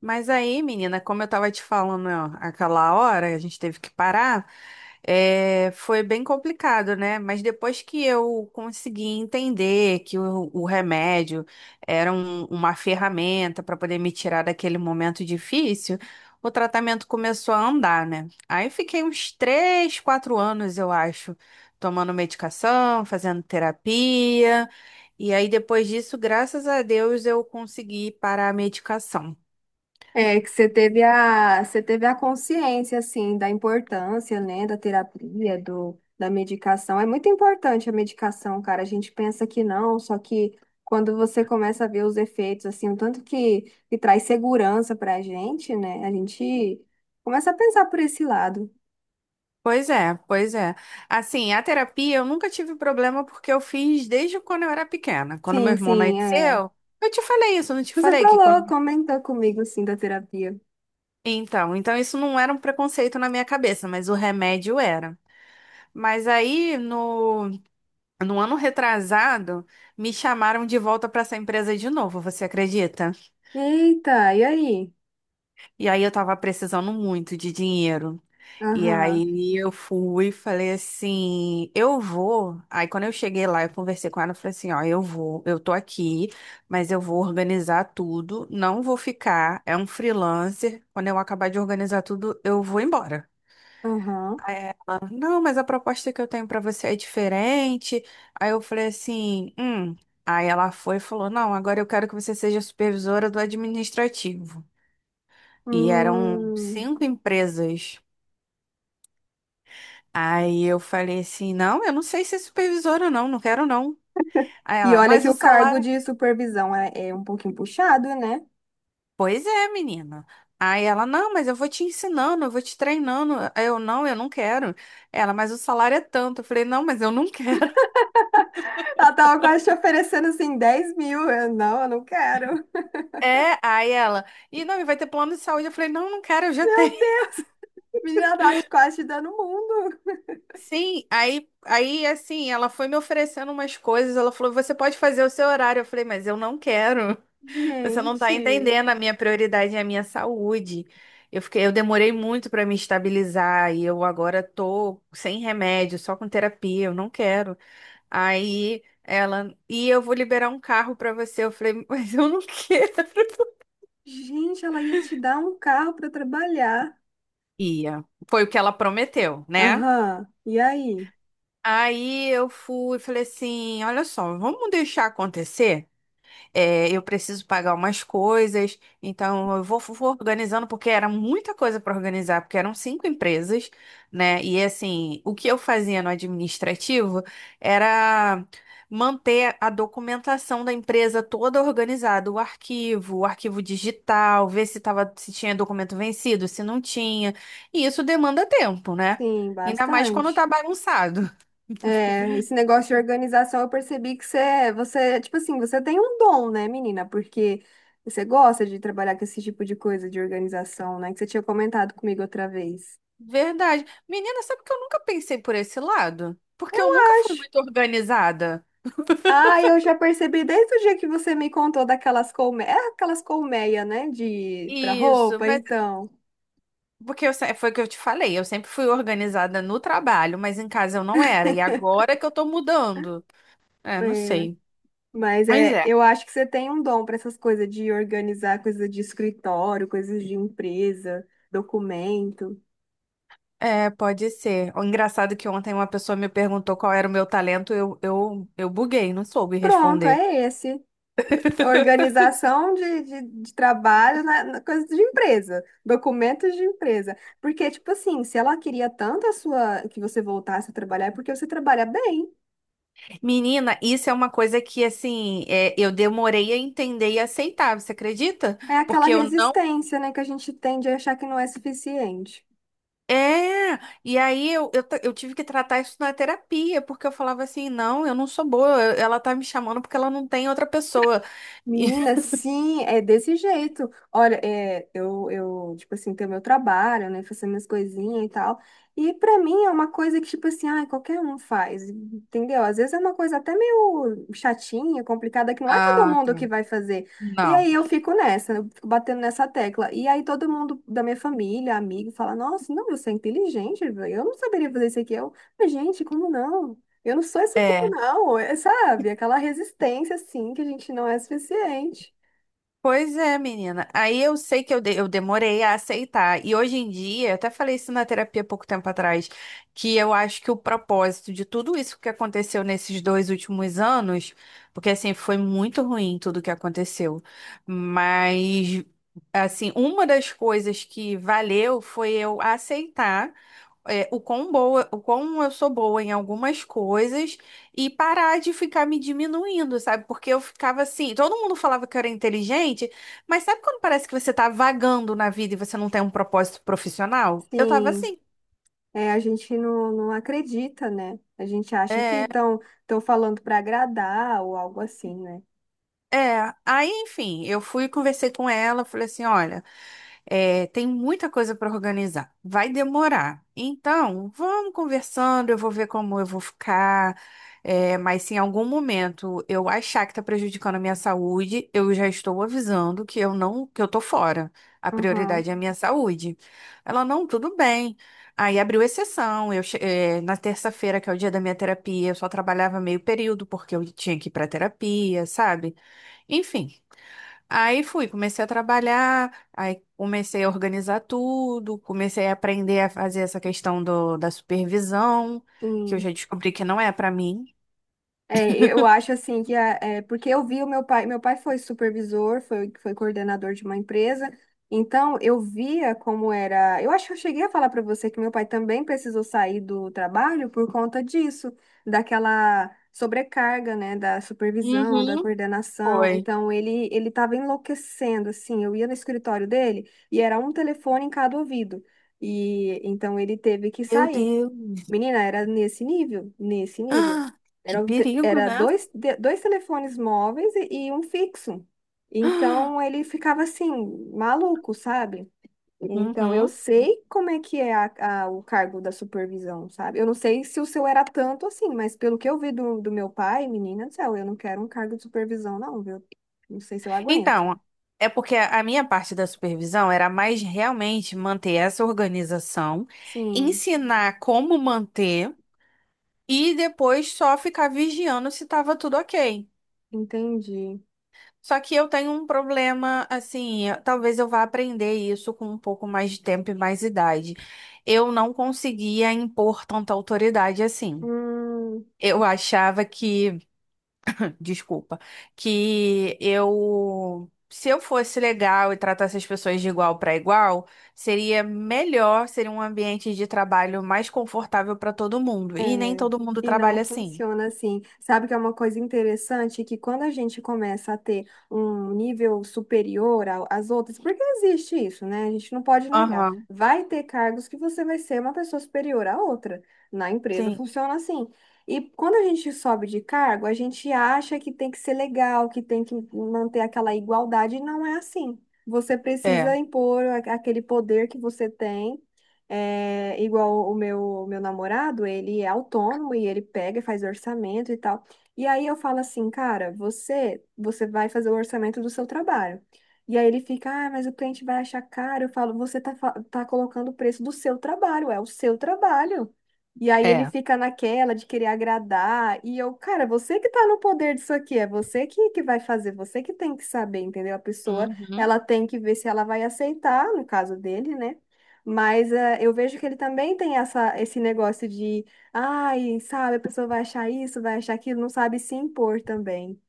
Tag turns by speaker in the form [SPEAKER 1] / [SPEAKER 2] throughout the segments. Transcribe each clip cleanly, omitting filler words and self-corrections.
[SPEAKER 1] Mas aí, menina, como eu tava te falando ó, aquela hora, a gente teve que parar, é, foi bem complicado, né? Mas depois que eu consegui entender que o remédio era uma ferramenta para poder me tirar daquele momento difícil, o tratamento começou a andar, né? Aí fiquei uns 3, 4 anos, eu acho, tomando medicação, fazendo terapia. E aí, depois disso, graças a Deus, eu consegui parar a medicação.
[SPEAKER 2] É, que você teve a consciência, assim, da importância, né, da terapia, da medicação. É muito importante a medicação, cara. A gente pensa que não, só que quando você começa a ver os efeitos, assim, o tanto que traz segurança pra gente, né, a gente começa a pensar por esse lado.
[SPEAKER 1] Pois é, pois é. Assim, a terapia eu nunca tive problema porque eu fiz desde quando eu era pequena. Quando meu
[SPEAKER 2] Sim,
[SPEAKER 1] irmão
[SPEAKER 2] sim, é.
[SPEAKER 1] nasceu, eu te falei isso, eu não te
[SPEAKER 2] Você
[SPEAKER 1] falei que
[SPEAKER 2] falou,
[SPEAKER 1] quando...
[SPEAKER 2] comentou comigo, assim, da terapia.
[SPEAKER 1] Então isso não era um preconceito na minha cabeça, mas o remédio era. Mas aí no, No ano retrasado, me chamaram de volta para essa empresa de novo, você acredita?
[SPEAKER 2] Eita, e aí?
[SPEAKER 1] E aí eu tava precisando muito de dinheiro. E
[SPEAKER 2] Aham,
[SPEAKER 1] aí eu fui e falei assim, eu vou. Aí quando eu cheguei lá, eu conversei com ela, eu falei assim, ó, eu vou, eu tô aqui, mas eu vou organizar tudo, não vou ficar, é um freelancer. Quando eu acabar de organizar tudo, eu vou embora.
[SPEAKER 2] aham.
[SPEAKER 1] Aí ela, não, mas a proposta que eu tenho pra você é diferente. Aí eu falei assim. Aí ela foi e falou, não, agora eu quero que você seja supervisora do administrativo. E eram
[SPEAKER 2] Hum.
[SPEAKER 1] cinco empresas. Aí eu falei assim: não, eu não sei ser supervisora, não, não quero não. Aí
[SPEAKER 2] E
[SPEAKER 1] ela,
[SPEAKER 2] olha
[SPEAKER 1] mas
[SPEAKER 2] que
[SPEAKER 1] o
[SPEAKER 2] o cargo
[SPEAKER 1] salário.
[SPEAKER 2] de supervisão é um pouquinho puxado, né?
[SPEAKER 1] Pois é, menina. Aí ela, não, mas eu vou te ensinando, eu vou te treinando. Aí eu não quero. Ela, mas o salário é tanto. Eu falei, não, mas eu não quero.
[SPEAKER 2] Ela tava quase te oferecendo assim 10 mil. Eu não quero.
[SPEAKER 1] É, aí ela, e não, e vai ter plano de saúde. Eu falei, não, não quero, eu já tenho.
[SPEAKER 2] Meu Deus, menina, ela tava te quase te dando o mundo.
[SPEAKER 1] Sim, aí, aí assim, ela foi me oferecendo umas coisas. Ela falou, você pode fazer o seu horário. Eu falei, mas eu não quero. Você não tá
[SPEAKER 2] Gente,
[SPEAKER 1] entendendo, a minha prioridade é a minha saúde. Eu fiquei, eu demorei muito para me estabilizar e eu agora tô sem remédio, só com terapia, eu não quero. Aí ela, e eu vou liberar um carro para você. Eu falei, mas eu não quero.
[SPEAKER 2] gente, ela ia te dar um carro pra trabalhar.
[SPEAKER 1] Ia. Foi o que ela prometeu, né?
[SPEAKER 2] Aham, e aí?
[SPEAKER 1] Aí eu fui, e falei assim, olha só, vamos deixar acontecer? É, eu preciso pagar umas coisas, então eu vou, vou organizando, porque era muita coisa para organizar, porque eram cinco empresas, né? E assim, o que eu fazia no administrativo era manter a documentação da empresa toda organizada, o arquivo digital, ver se tava, se tinha documento vencido, se não tinha. E isso demanda tempo, né?
[SPEAKER 2] Sim,
[SPEAKER 1] Ainda mais quando tá
[SPEAKER 2] bastante.
[SPEAKER 1] bagunçado.
[SPEAKER 2] É, esse negócio de organização, eu percebi que você, tipo assim, você tem um dom, né, menina? Porque você gosta de trabalhar com esse tipo de coisa de organização, né? Que você tinha comentado comigo outra vez.
[SPEAKER 1] Verdade. Menina, sabe que eu nunca pensei por esse lado? Porque eu nunca fui muito organizada.
[SPEAKER 2] Ah, eu já percebi desde o dia que você me contou daquelas colmeias, aquelas colmeias, né, de para
[SPEAKER 1] Isso,
[SPEAKER 2] roupa,
[SPEAKER 1] mas
[SPEAKER 2] então.
[SPEAKER 1] porque eu, se- foi o que eu te falei, eu sempre fui organizada no trabalho, mas em casa eu não era. E agora que eu tô mudando. É, não
[SPEAKER 2] É,
[SPEAKER 1] sei.
[SPEAKER 2] mas
[SPEAKER 1] Mas
[SPEAKER 2] é,
[SPEAKER 1] é.
[SPEAKER 2] eu acho que você tem um dom para essas coisas de organizar coisas de escritório, coisas de empresa, documento.
[SPEAKER 1] É, pode ser. O engraçado é que ontem uma pessoa me perguntou qual era o meu talento, eu buguei, não soube
[SPEAKER 2] Pronto,
[SPEAKER 1] responder.
[SPEAKER 2] é esse. Organização de trabalho na coisa de empresa, documentos de empresa. Porque, tipo assim, se ela queria tanto a sua que você voltasse a trabalhar, é porque você trabalha bem.
[SPEAKER 1] Menina, isso é uma coisa que, assim, é, eu demorei a entender e aceitar, você acredita?
[SPEAKER 2] É aquela
[SPEAKER 1] Porque eu não
[SPEAKER 2] resistência, né, que a gente tem de achar que não é suficiente.
[SPEAKER 1] é, e aí eu tive que tratar isso na terapia, porque eu falava assim, não, eu não sou boa, ela tá me chamando porque ela não tem outra pessoa.
[SPEAKER 2] Menina, sim, é desse jeito. Olha, é, eu, tipo assim, tenho meu trabalho, né, faço minhas coisinhas e tal. E pra mim é uma coisa que, tipo assim, ai, qualquer um faz, entendeu? Às vezes é uma coisa até meio chatinha, complicada, que não é todo
[SPEAKER 1] Ah,
[SPEAKER 2] mundo
[SPEAKER 1] tá.
[SPEAKER 2] que vai fazer. E
[SPEAKER 1] Não.
[SPEAKER 2] aí eu fico nessa, eu fico batendo nessa tecla. E aí todo mundo da minha família, amigo, fala, nossa, não, você é inteligente, velho, eu não saberia fazer isso aqui. Eu, mas, gente, como não? Eu não sou isso tudo,
[SPEAKER 1] É.
[SPEAKER 2] não. É, sabe? Aquela resistência, assim, que a gente não é suficiente.
[SPEAKER 1] Pois é, menina. Aí eu sei que eu, de- eu demorei a aceitar. E hoje em dia, eu até falei isso na terapia pouco tempo atrás, que eu acho que o propósito de tudo isso que aconteceu nesses 2 últimos anos, porque assim, foi muito ruim tudo que aconteceu, mas assim, uma das coisas que valeu foi eu aceitar é, o quão boa, o quão eu sou boa em algumas coisas e parar de ficar me diminuindo, sabe? Porque eu ficava assim, todo mundo falava que eu era inteligente, mas sabe quando parece que você tá vagando na vida e você não tem um propósito profissional? Eu tava
[SPEAKER 2] Sim,
[SPEAKER 1] assim.
[SPEAKER 2] é, a gente não acredita, né? A gente acha que
[SPEAKER 1] É.
[SPEAKER 2] estão falando para agradar ou algo assim, né?
[SPEAKER 1] É, aí, enfim, eu fui e conversei com ela, falei assim, olha, é, tem muita coisa para organizar, vai demorar. Então, vamos conversando, eu vou ver como eu vou ficar, é, mas se em algum momento eu achar que está prejudicando a minha saúde, eu já estou avisando que eu não, que eu tô fora. A
[SPEAKER 2] Aham,
[SPEAKER 1] prioridade é a minha saúde. Ela, não, tudo bem. Aí abriu exceção. Na terça-feira, que é o dia da minha terapia, eu só trabalhava meio período porque eu tinha que ir para terapia, sabe? Enfim, aí fui, comecei a trabalhar, aí comecei a organizar tudo, comecei a aprender a fazer essa questão da supervisão, que eu já
[SPEAKER 2] sim.
[SPEAKER 1] descobri que não é pra mim.
[SPEAKER 2] É, eu acho assim que é, porque eu vi o meu pai foi supervisor, foi coordenador de uma empresa, então eu via como era. Eu acho que eu cheguei a falar para você que meu pai também precisou sair do trabalho por conta disso, daquela sobrecarga, né, da supervisão, da
[SPEAKER 1] Uhum.
[SPEAKER 2] coordenação.
[SPEAKER 1] Foi.
[SPEAKER 2] Então ele estava enlouquecendo, assim. Eu ia no escritório dele e era um telefone em cada ouvido. E então ele teve que
[SPEAKER 1] Meu
[SPEAKER 2] sair.
[SPEAKER 1] Deus.
[SPEAKER 2] Menina, era nesse nível, nesse nível.
[SPEAKER 1] Ah, que
[SPEAKER 2] Era, o te-
[SPEAKER 1] perigo,
[SPEAKER 2] era
[SPEAKER 1] né?
[SPEAKER 2] dois, dois telefones móveis e um fixo. Então ele ficava assim, maluco, sabe? Então eu
[SPEAKER 1] Uhum.
[SPEAKER 2] sei como é que é a, o cargo da supervisão, sabe? Eu não sei se o seu era tanto assim, mas pelo que eu vi do meu pai, menina do céu, eu não quero um cargo de supervisão, não, viu? Não sei se eu aguento.
[SPEAKER 1] Então, é porque a minha parte da supervisão era mais realmente manter essa organização,
[SPEAKER 2] Sim,
[SPEAKER 1] ensinar como manter e depois só ficar vigiando se estava tudo ok.
[SPEAKER 2] entendi.
[SPEAKER 1] Só que eu tenho um problema, assim, talvez eu vá aprender isso com um pouco mais de tempo e mais idade. Eu não conseguia impor tanta autoridade assim.
[SPEAKER 2] Hum.
[SPEAKER 1] Eu achava que, desculpa, que eu, se eu fosse legal e tratasse as pessoas de igual para igual, seria melhor, seria um ambiente de trabalho mais confortável para todo mundo. E nem
[SPEAKER 2] É,
[SPEAKER 1] todo mundo
[SPEAKER 2] e não
[SPEAKER 1] trabalha assim.
[SPEAKER 2] funciona assim. Sabe que é uma coisa interessante que quando a gente começa a ter um nível superior às outras, porque existe isso, né? A gente não pode negar.
[SPEAKER 1] Aham,
[SPEAKER 2] Vai ter cargos que você vai ser uma pessoa superior à outra. Na empresa
[SPEAKER 1] sim,
[SPEAKER 2] funciona assim. E quando a gente sobe de cargo, a gente acha que tem que ser legal, que tem que manter aquela igualdade, e não é assim. Você
[SPEAKER 1] é,
[SPEAKER 2] precisa impor aquele poder que você tem. É, igual o meu namorado, ele é autônomo e ele pega e faz orçamento e tal. E aí eu falo assim, cara, você vai fazer o orçamento do seu trabalho. E aí ele fica, ah, mas o cliente vai achar caro. Eu falo, você tá, tá colocando o preço do seu trabalho, é o seu trabalho. E aí ele
[SPEAKER 1] é.
[SPEAKER 2] fica naquela de querer agradar. E eu, cara, você que tá no poder disso aqui, é você que vai fazer, você que tem que saber, entendeu? A pessoa,
[SPEAKER 1] Uhum.
[SPEAKER 2] ela tem que ver se ela vai aceitar, no caso dele, né? Mas eh, eu vejo que ele também tem esse negócio de, ai, sabe, a pessoa vai achar isso, vai achar aquilo, não sabe se impor também.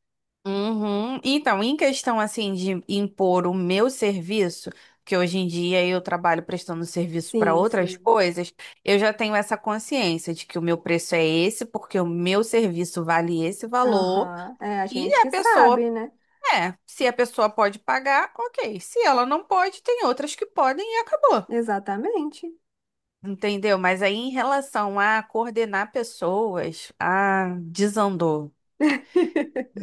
[SPEAKER 1] Uhum. Então, em questão assim de impor o meu serviço, que hoje em dia eu trabalho prestando serviço para
[SPEAKER 2] Sim,
[SPEAKER 1] outras
[SPEAKER 2] sim.
[SPEAKER 1] coisas, eu já tenho essa consciência de que o meu preço é esse, porque o meu serviço vale esse valor,
[SPEAKER 2] Aham. É a
[SPEAKER 1] e
[SPEAKER 2] gente
[SPEAKER 1] a
[SPEAKER 2] que
[SPEAKER 1] pessoa,
[SPEAKER 2] sabe, né?
[SPEAKER 1] é, se a pessoa pode pagar, ok. Se ela não pode, tem outras que podem e acabou.
[SPEAKER 2] Exatamente.
[SPEAKER 1] Entendeu? Mas aí em relação a coordenar pessoas, ah, desandou.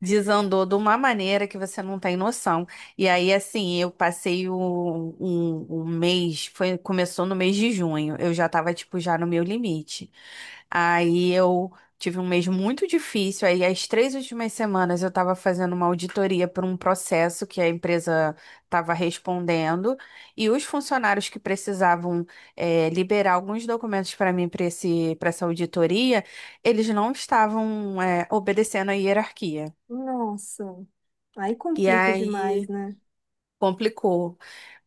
[SPEAKER 1] Desandou de uma maneira que você não tem noção. E aí, assim, eu passei um mês, foi, começou no mês de junho, eu já tava, tipo, já no meu limite. Aí eu tive um mês muito difícil, aí as 3 últimas semanas eu tava fazendo uma auditoria por um processo que a empresa tava respondendo, e os funcionários que precisavam, liberar alguns documentos para mim, para essa auditoria, eles não estavam, obedecendo a hierarquia.
[SPEAKER 2] Nossa, aí
[SPEAKER 1] E
[SPEAKER 2] complica demais,
[SPEAKER 1] aí
[SPEAKER 2] né?
[SPEAKER 1] complicou.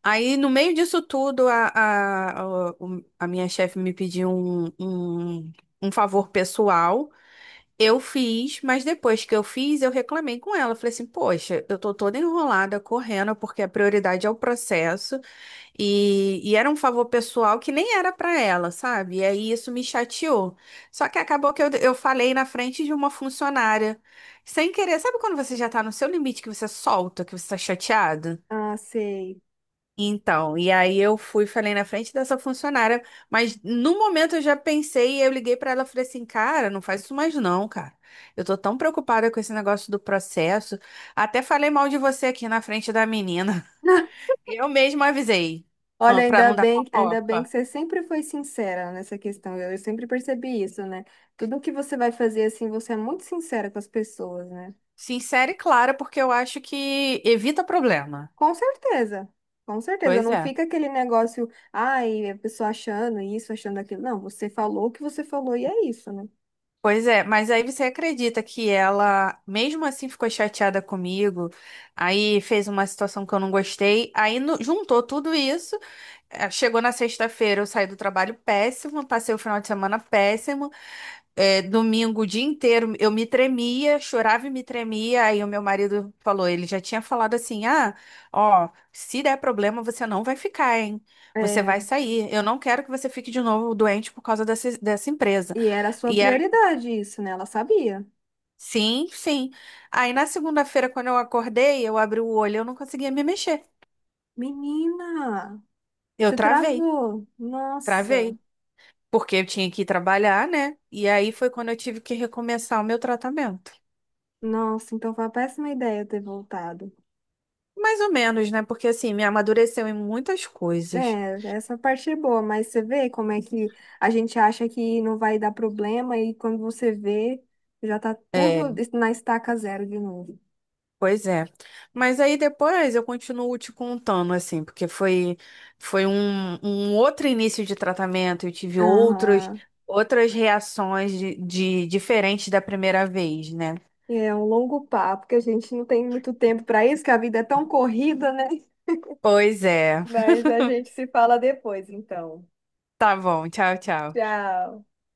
[SPEAKER 1] Aí, no meio disso tudo, a minha chefe me pediu um favor pessoal. Eu fiz, mas depois que eu fiz, eu reclamei com ela. Falei assim, poxa, eu tô toda enrolada, correndo, porque a prioridade é o processo. E era um favor pessoal que nem era pra ela, sabe? E aí isso me chateou. Só que acabou que eu falei na frente de uma funcionária, sem querer. Sabe quando você já tá no seu limite, que você solta, que você tá chateado?
[SPEAKER 2] Ah, sei.
[SPEAKER 1] Então, e aí eu fui, falei na frente dessa funcionária, mas no momento eu já pensei, eu liguei pra ela e falei assim, cara, não faz isso mais não, cara. Eu tô tão preocupada com esse negócio do processo. Até falei mal de você aqui na frente da menina. Eu mesma avisei,
[SPEAKER 2] Olha,
[SPEAKER 1] ah, pra não dar
[SPEAKER 2] ainda bem
[SPEAKER 1] fofoca.
[SPEAKER 2] que você sempre foi sincera nessa questão. Eu sempre percebi isso, né? Tudo que você vai fazer assim, você é muito sincera com as pessoas, né?
[SPEAKER 1] Sincera e clara, porque eu acho que evita problema.
[SPEAKER 2] Com certeza, com certeza.
[SPEAKER 1] Pois
[SPEAKER 2] Não
[SPEAKER 1] é.
[SPEAKER 2] fica aquele negócio, ai, a pessoa achando isso, achando aquilo. Não, você falou o que você falou e é isso, né?
[SPEAKER 1] Pois é, mas aí você acredita que ela, mesmo assim, ficou chateada comigo, aí fez uma situação que eu não gostei, aí no- juntou tudo isso, chegou na sexta-feira, eu saí do trabalho péssimo, passei o final de semana péssimo, domingo o dia inteiro eu me tremia, chorava e me tremia, aí o meu marido falou, ele já tinha falado assim, ah, ó, se der problema você não vai ficar, hein? Você vai
[SPEAKER 2] É,
[SPEAKER 1] sair, eu não quero que você fique de novo doente por causa dessa empresa.
[SPEAKER 2] e era a sua
[SPEAKER 1] E
[SPEAKER 2] prioridade isso, né? Ela sabia.
[SPEAKER 1] Sim, sim. Aí na segunda-feira, quando eu acordei, eu abri o olho, eu não conseguia me mexer.
[SPEAKER 2] Menina,
[SPEAKER 1] Eu
[SPEAKER 2] você
[SPEAKER 1] travei,
[SPEAKER 2] travou. Nossa,
[SPEAKER 1] travei, porque eu tinha que ir trabalhar, né? E aí foi quando eu tive que recomeçar o meu tratamento.
[SPEAKER 2] nossa, então foi uma péssima ideia ter voltado.
[SPEAKER 1] Mais ou menos, né? Porque assim, me amadureceu em muitas coisas.
[SPEAKER 2] É, essa parte é boa, mas você vê como é que a gente acha que não vai dar problema e quando você vê, já tá tudo
[SPEAKER 1] É,
[SPEAKER 2] na estaca zero de novo.
[SPEAKER 1] pois é. Mas aí depois eu continuo te contando, assim, porque foi, foi um outro início de tratamento, eu tive outros,
[SPEAKER 2] Aham.
[SPEAKER 1] outras reações de diferentes da primeira vez, né?
[SPEAKER 2] É um longo papo, que a gente não tem muito tempo para isso, que a vida é tão corrida, né?
[SPEAKER 1] Pois é.
[SPEAKER 2] Mas a gente se fala depois, então.
[SPEAKER 1] Tá bom, tchau, tchau.
[SPEAKER 2] Tchau.